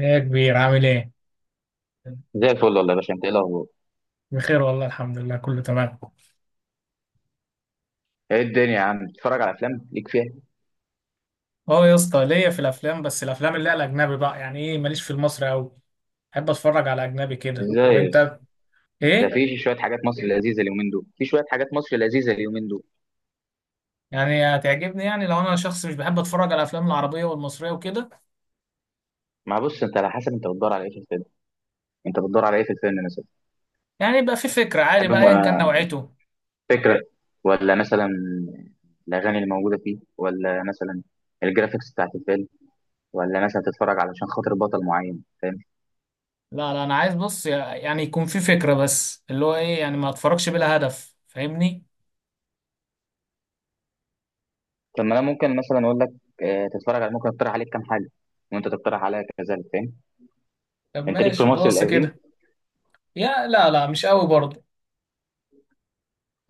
ايه يا كبير، عامل ايه؟ زي الفل والله يا باشا، انت ايه الاخبار؟ بخير والله، الحمد لله، كله تمام. ايه الدنيا يا عم، بتتفرج على افلام ليك فيها؟ اه يا اسطى، ليا في الافلام، بس الافلام اللي هي الاجنبي بقى، يعني ايه، ماليش في المصري قوي. بحب اتفرج على اجنبي كده، ازاي يا اسطى؟ وانت؟ ده ايه؟ في شويه حاجات مصر لذيذه اليومين دول في شويه حاجات مصر لذيذه اليومين دول. يعني هتعجبني، يعني لو انا شخص مش بحب اتفرج على الافلام العربيه والمصريه وكده. ما بص، انت على حسب انت بتدور على ايه في الفيلم، انت بتدور على ايه في الفيلم مثلا. يعني يبقى في فكره عادي تحب بقى، ايا كان نوعيته. فكره، ولا مثلا الاغاني اللي موجوده فيه، ولا مثلا الجرافيكس بتاعت الفيلم، ولا مثلا تتفرج علشان خاطر بطل معين، فاهم؟ لا لا، انا عايز بص، يعني يكون في فكره، بس اللي هو ايه، يعني ما اتفرجش بلا هدف، فاهمني؟ طب ما انا ممكن مثلا اقول لك، اه، تتفرج على ممكن اقترح عليك كام حاجه وانت تقترح عليا كذلك، فاهم؟ طب انت ليك في ماشي، مصر بص القديم؟ كده. يا لا لا، مش قوي برضه.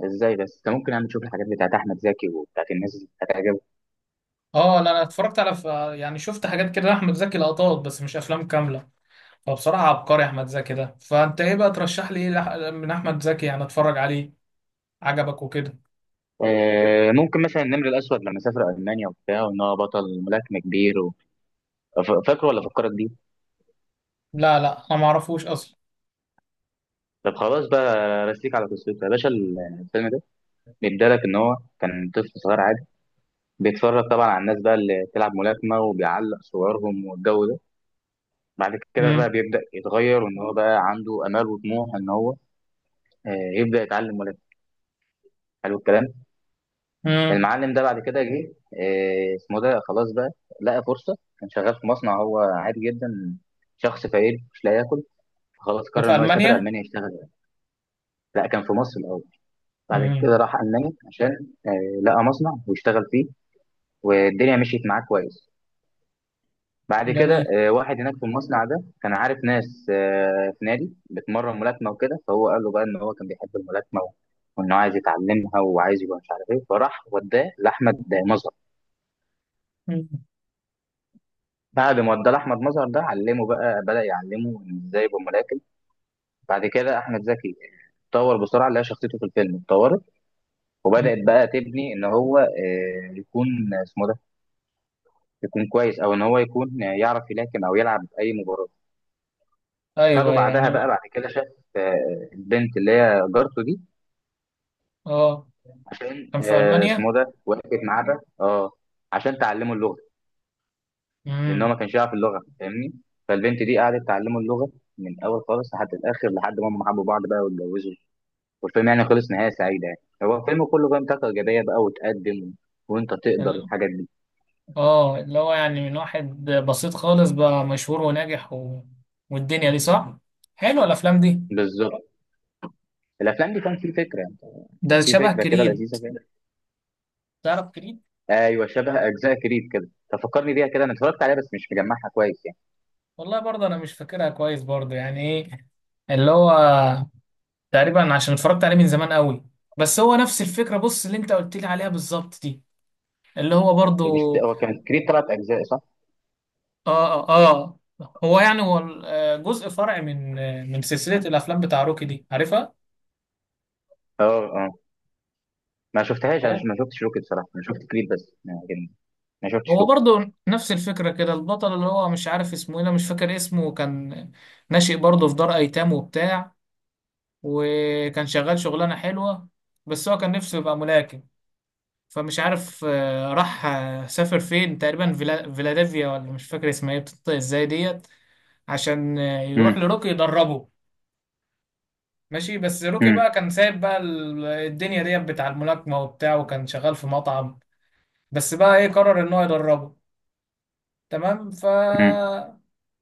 ازاي بس، انت ممكن يعني تشوف الحاجات بتاعت احمد زكي وبتاعت الناس اللي هتعجبك. اه لا، انا اتفرجت على يعني شفت حاجات كده احمد زكي، لقطات بس مش افلام كامله. فبصراحه عبقري احمد زكي ده. فانت ايه بقى، ترشح لي ايه من احمد زكي يعني اتفرج عليه، عجبك وكده. ممكن مثلا النمر الاسود، لما سافر المانيا وبتاع وان هو بطل ملاكمه كبير و... فاكره ولا فكرك بيه؟ لا لا، انا ما اعرفوش اصلا. طب خلاص بقى، رسيك على قصته يا باشا الفيلم ده. بيدالك ان هو كان طفل صغير عادي، بيتفرج طبعا على الناس بقى اللي بتلعب ملاكمه، وبيعلق صورهم والجو ده. بعد كده بقى امم. بيبدا يتغير، وان هو بقى عنده امال وطموح، ان هو آه، يبدا يتعلم ملاكمه. حلو الكلام. امم. المعلم ده بعد كده جه، اسمه ده خلاص بقى، لقى فرصة. كان شغال في مصنع، هو عادي جدا، شخص فقير مش لاقي ياكل. خلاص ده قرر في ان هو يسافر المانيا؟ المانيا يشتغل. لا، كان في مصر الاول. بعد امم. كده راح المانيا، عشان لقى مصنع واشتغل فيه. والدنيا مشيت معاه كويس. بعد كده جميل. واحد هناك في المصنع ده كان عارف ناس في نادي بتمرن ملاكمة وكده، فهو قال له بقى ان هو كان بيحب الملاكمة، وانه عايز يتعلمها وعايز يبقى مش عارف ايه، فراح وداه لاحمد مظهر. مم. بعد ما ادى احمد مظهر ده علمه بقى، بدا يعلمه إن ازاي يبقى ملاكم. بعد كده احمد زكي اتطور بسرعه، لقى شخصيته في الفيلم اتطورت، مم. وبدات بقى تبني ان هو يكون اسمه ده، يكون كويس، او ان هو يكون يعرف يلاكم او يلعب اي مباراه. خده ايوه بعدها يعني بقى. بقى. بعد كده شاف البنت اللي هي جارته دي، اه، عشان كان في المانيا. اسمه ده، وقفت معاه بقى. اه، عشان تعلمه اللغه، لان هو ما امم. كانش يعرف اللغه، فاهمني؟ فالبنت دي قعدت تعلمه اللغه من الاول خالص لحد الاخر، لحد ما هم حبوا بعض بقى واتجوزوا. والفيلم يعني خلص نهايه سعيده، يعني هو الفيلم كله بقى طاقه ايجابيه بقى وتقدم، وانت تقدر، ال- والحاجات دي اه، اللي هو يعني من واحد بسيط خالص بقى مشهور وناجح والدنيا دي، صح. حلوه الافلام دي. بالظبط. الافلام دي كان في فكره يعني، ده في شبه فكره كده كريد. لذيذه كده. تعرف كريد؟ ايوه، شبه اجزاء كريد كده، تفكرني بيها كده. انا اتفرجت عليها بس مش مجمعها كويس يعني. والله برضه انا مش فاكرها كويس، برضه يعني ايه، اللي هو تقريبا عشان اتفرجت عليه من زمان قوي، بس هو نفس الفكره، بص اللي انت قلت لي عليها بالظبط دي، اللي هو برضه. يعني مش هو كان كريد ثلاث اجزاء، صح؟ اه اه. آه. هو يعني هو ال- آه، جزء فرع من سلسله الافلام بتاع روكي دي، عارفها؟ اه اه. ما شفتهاش، انا هو، ما شفتش روكي بصراحه، انا شفت كريد بس، لكن ما شفتش هو روكي. برضه نفس الفكره كده. البطل اللي هو مش عارف اسمه ايه، أنا مش فاكر اسمه، كان ناشئ برضه في دار ايتام وبتاع، وكان شغال شغلانه حلوه، بس هو كان نفسه يبقى ملاكم. فمش عارف، راح، سافر فين، تقريبا فيلادلفيا، ولا مش فاكر اسمها ايه، بتنطق ازاي ديت، عشان يروح امم. لروكي يدربه. ماشي، بس روكي امم. بقى كان سايب بقى الدنيا ديت بتاع الملاكمة وبتاع، وكان شغال في مطعم. بس بقى ايه، قرر ان هو يدربه، تمام. ف امم.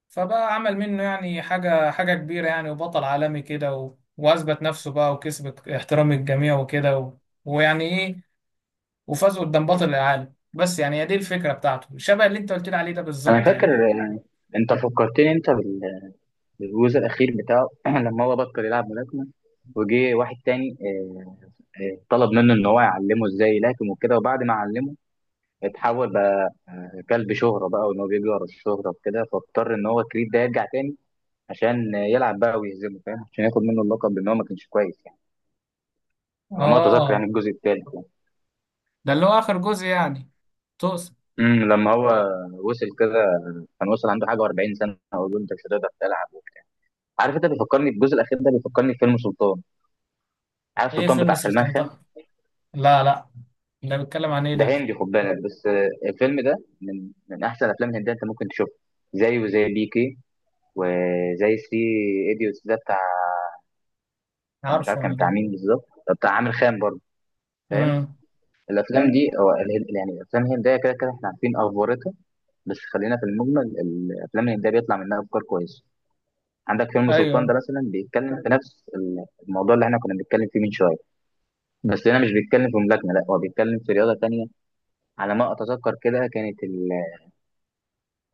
فبقى عمل منه يعني حاجة حاجة كبيرة يعني، وبطل عالمي كده وأثبت نفسه بقى وكسب احترام الجميع وكده ويعني ايه، وفازوا قدام بطل العالم. بس يعني هي دي الفكرة بتاعته، شبه اللي انت قلت لي عليه ده انا بالظبط فاكر يعني. يعني، انت فكرتني انت بالجزء الاخير بتاعه لما هو بطل يلعب ملاكمه، وجه واحد تاني طلب منه ان هو يعلمه ازاي يلاكم وكده، وبعد ما علمه اتحول بقى كلب شهرة بقى، وان هو بيجري ورا الشهرة وكده، فاضطر ان هو كريد ده يرجع تاني عشان يلعب بقى ويهزمه، فاهم؟ عشان ياخد منه اللقب، بان هو ما كانش كويس يعني، على ما اتذكر يعني اه. الجزء الثالث يعني. ده اللي هو آخر جزء يعني. توس. امم، لما هو وصل كده، كان وصل عنده حاجه و40 سنه، اقول له انت مش هتقدر تلعب. عارف، انت بيفكرني الجزء الاخير ده بيفكرني بفيلم سلطان. عارف ايه سلطان فيلم بتاع سلمان سلطان خان؟ طه؟ لا لا، ده بيتكلم عن ايه ده ده؟ هندي، خد بالك، بس الفيلم ده من احسن الافلام الهنديه انت ممكن تشوفها، زيه زي بيكي، وزي 3 ايديوتس ده بتاع. كان مش عارف عارفه كان انا بتاع ده. مين بالظبط، ده بتاع عامر خان برضه، فاهم؟ امم. الافلام دي، أو يعني الافلام الهنديه كده كده احنا عارفين افورتها، بس خلينا في المجمل، الافلام الهنديه بيطلع منها افكار كويسه. عندك فيلم سلطان ده ايوه مثلا بيتكلم في نفس الموضوع اللي احنا كنا بنتكلم فيه من شويه، بس هنا مش بيتكلم في ملاكمه، لا هو بيتكلم في رياضه تانية، على ما اتذكر كده. كانت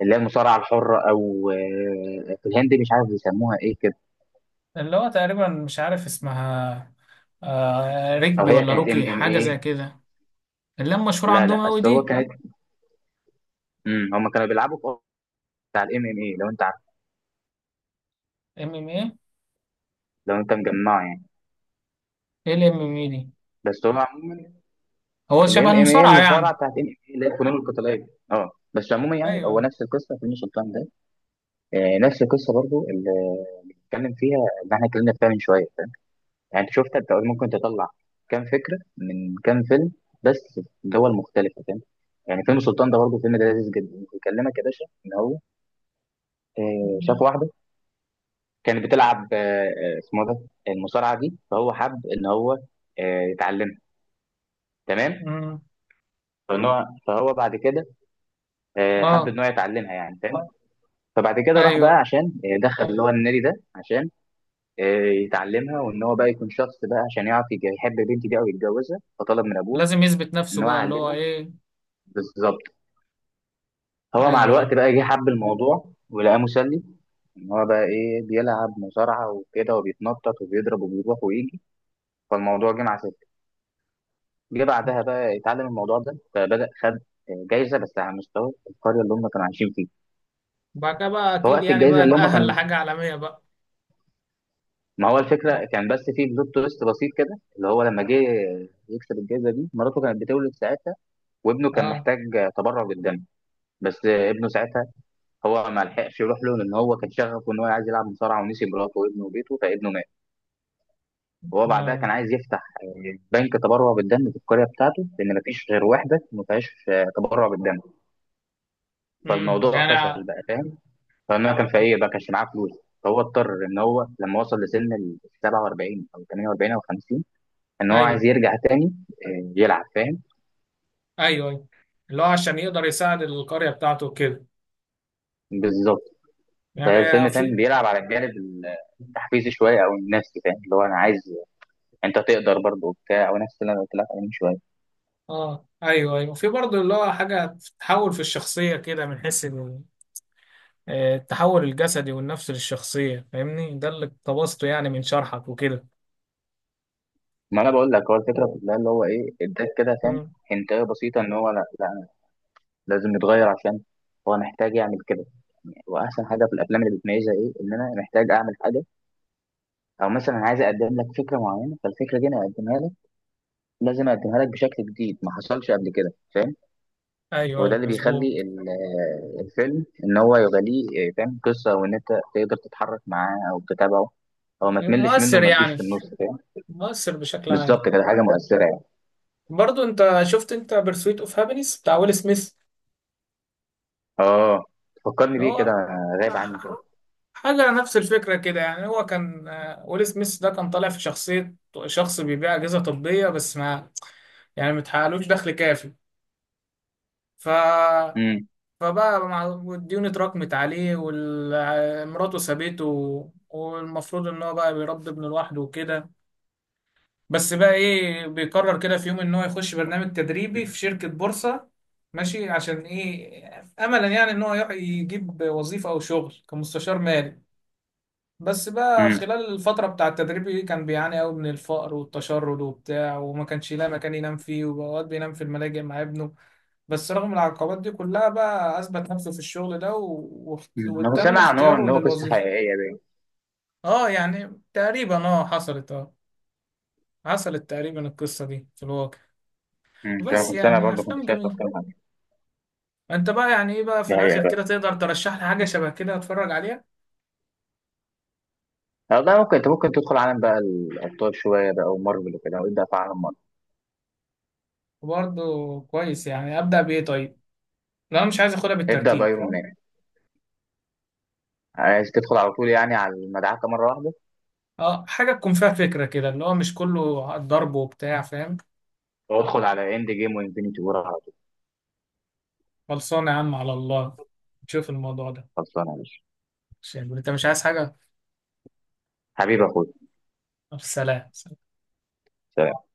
اللي هي المصارعه الحره، او في الهند مش عارف بيسموها ايه كده، اللي هو تقريبا مش عارف اسمها، آه او ركبي هي ولا كانت ام روكي، ام حاجة زي ايه. كده. اللي هم مشهور لا لا، عندهم قوي اصل هو دي. كانت، امم، هم كانوا بيلعبوا في بتاع الام ام اي، لو انت عارف، ام ام ايه. لو انت مجمعه يعني. ايه الام ام ايه دي؟ بس هو عموما هو شبه الام ام اي المصارعة المصارعه يعني؟ بتاعت ام ام اي، اللي هي الفنون القتاليه، اه بس عموما يعني هو ايوه. نفس القصه في الشيطان ده. آه، نفس القصه برضو، اللي اللي بنتكلم فيها، اللي احنا اتكلمنا فيها من شويه. يعني انت شفت، انت ممكن تطلع كام فكره من كام فيلم، بس في دول مختلفه، فاهم؟ يعني فيلم سلطان ده برضه فيلم ده لذيذ جدا، بيكلمك يا باشا ان هو شاف واحده كانت بتلعب اسمه ده المصارعه دي، فهو حب ان هو يتعلمها، تمام؟ امم. فان هو فهو بعد كده حب ان اه هو يتعلمها يعني، تمام. فبعد كده راح بقى، ايوه، عشان دخل اللي هو النادي ده، عشان آه، يتعلمها، وان هو بقى يكون شخص بقى عشان يعرف يحب البنت دي او يتجوزها، فطلب من ابوه لازم يثبت نفسه ان هو بقى، اللي هو يعلمها. ايه. بالظبط. هو مع ايوه ايوه. الوقت بقى جه حب الموضوع، ولقاه مسلي، ان هو بقى ايه، بيلعب مصارعه وكده، وبيتنطط وبيضرب وبيروح ويجي. فالموضوع جه مع، جه بعدها بقى اتعلم الموضوع ده، فبدأ خد جايزة، بس على مستوى القرية اللي هم كانوا عايشين فيها. بعد كده بقى اكيد فوقت يعني الجايزة بقى اللي هم اتأهل كان، لحاجة عالمية بقى. ما هو و- الفكرة كان بس في بلوت تويست بسيط كده، اللي هو لما جه يكسب الجايزة دي، مراته كانت بتولد ساعتها، وابنه كان اه محتاج تبرع بالدم، بس ابنه ساعتها هو ما لحقش يروح له، لأن هو كان شغفه إن هو عايز يلعب مصارعة، ونسي مراته وابنه وبيته، فابنه مات. وهو بعدها كان اه. عايز يفتح بنك تبرع بالدم في القرية بتاعته، لأن ما فيش غير واحدة ما فيهاش تبرع بالدم، امم. فالموضوع يعني فشل بقى، فاهم؟ فانا كان في ايه بقى، كانش معاه فلوس. فهو اضطر ان هو لما وصل لسن ال 47 او 48 او 50، ان هو عايز ايوه يرجع تاني يلعب، فاهم؟ ايوه. ايوه، اللي هو عشان يقدر يساعد القرية بتاعته كده بالظبط. يعني. فالفيلم، فاهم، في. بيلعب على الجانب التحفيزي شويه، او النفسي، فاهم؟ اللي هو انا عايز انت تقدر برضه وبتاع، او نفس اللي انا قلت لك عليه من شويه. اه ايوه ايوه، في برضه اللي هو حاجة تحول في الشخصية كده من حيث التحول الجسدي والنفسي للشخصية، فاهمني؟ ده اللي اقتبسته يعني من شرحك وكده. ما انا بقول لك، هو الفكره أوه. كلها اللي هو ايه، اداك كده فاهم امم. حنتايه بسيطه، ان هو لا لا، لازم يتغير، عشان هو محتاج يعمل كده. واحسن حاجه في الافلام اللي بتميزها ايه، ان انا محتاج اعمل حاجه، او مثلا عايز اقدم لك فكره معينه، فالفكره دي انا اقدمها لك، لازم اقدمها لك بشكل جديد ما حصلش قبل كده، فاهم؟ ايوه ايوه، وده اللي بيخلي مظبوط. الفيلم ان هو يغليه، فاهم، قصه وان انت تقدر تتحرك معاه او تتابعه، او ما تملش منه مؤثر وما تجيش يعني. في النص، فاهم؟ مؤثر بشكل عام. بالظبط كده، حاجه مؤثره يعني. برضو انت شفت انت برسويت اوف هابينس بتاع ويل سميث؟ اه، فكرني بيه كده، هو غايب عني. حاجة نفس الفكرة كده يعني. هو كان ويل سميث ده كان طالع في شخصية شخص بيبيع أجهزة طبية، بس ما يعني متحققلوش دخل كافي. ف امم. فبقى مع- الديون اتراكمت عليه ومراته سابته، والمفروض ان هو بقى بيربي ابنه لوحده وكده. بس بقى ايه، بيقرر كده في يوم ان هو يخش برنامج تدريبي في شركة بورصة، ماشي. عشان ايه؟ املا يعني ان هو يجيب وظيفة او شغل كمستشار مالي. بس بقى امم. خلال الفترة بتاع التدريب دي كان بيعاني قوي من الفقر والتشرد وبتاع، وما كانش يلاقي مكان ينام فيه، وأوقات بينام في الملاجئ مع ابنه. بس رغم العقبات دي كلها بقى أثبت نفسه في الشغل ده انا كنت وتم سامع ان هو اختياره ان هو قصه للوظيفة. حقيقيه باين. اه يعني تقريبا اه حصلت، اه، حصلت تقريبا القصة دي في الواقع. مش عارف، بس كنت سامع يعني برضه، كنت افلام شايف جميله. اكتر من، انت بقى يعني ايه بقى في دي الاخر حقيقة. كده، تقدر ترشح لي حاجه شبه كده اتفرج عليها؟ والله ممكن، انت ممكن تدخل عالم بقى الابطال شويه بقى ومارفل وكده، وابدا في عالم مارفل. وبرضه كويس يعني، ابدا بايه طيب؟ لو انا مش عايز اخدها ابدا بالترتيب. بايرون مان. عايز تدخل على طول يعني، على المدعكه مره واحده، اه حاجه تكون فيها فكره كده، اللي هو مش كله ضرب وبتاع، فاهم. وادخل على اند جيم وانفينيتي وور على طول. خلصانه يا عم على الله، تشوف الموضوع ده. خلصانه يا باشا، عشان انت مش عايز حاجه. حبيبي يا اخويا. طب، سلام. سلام.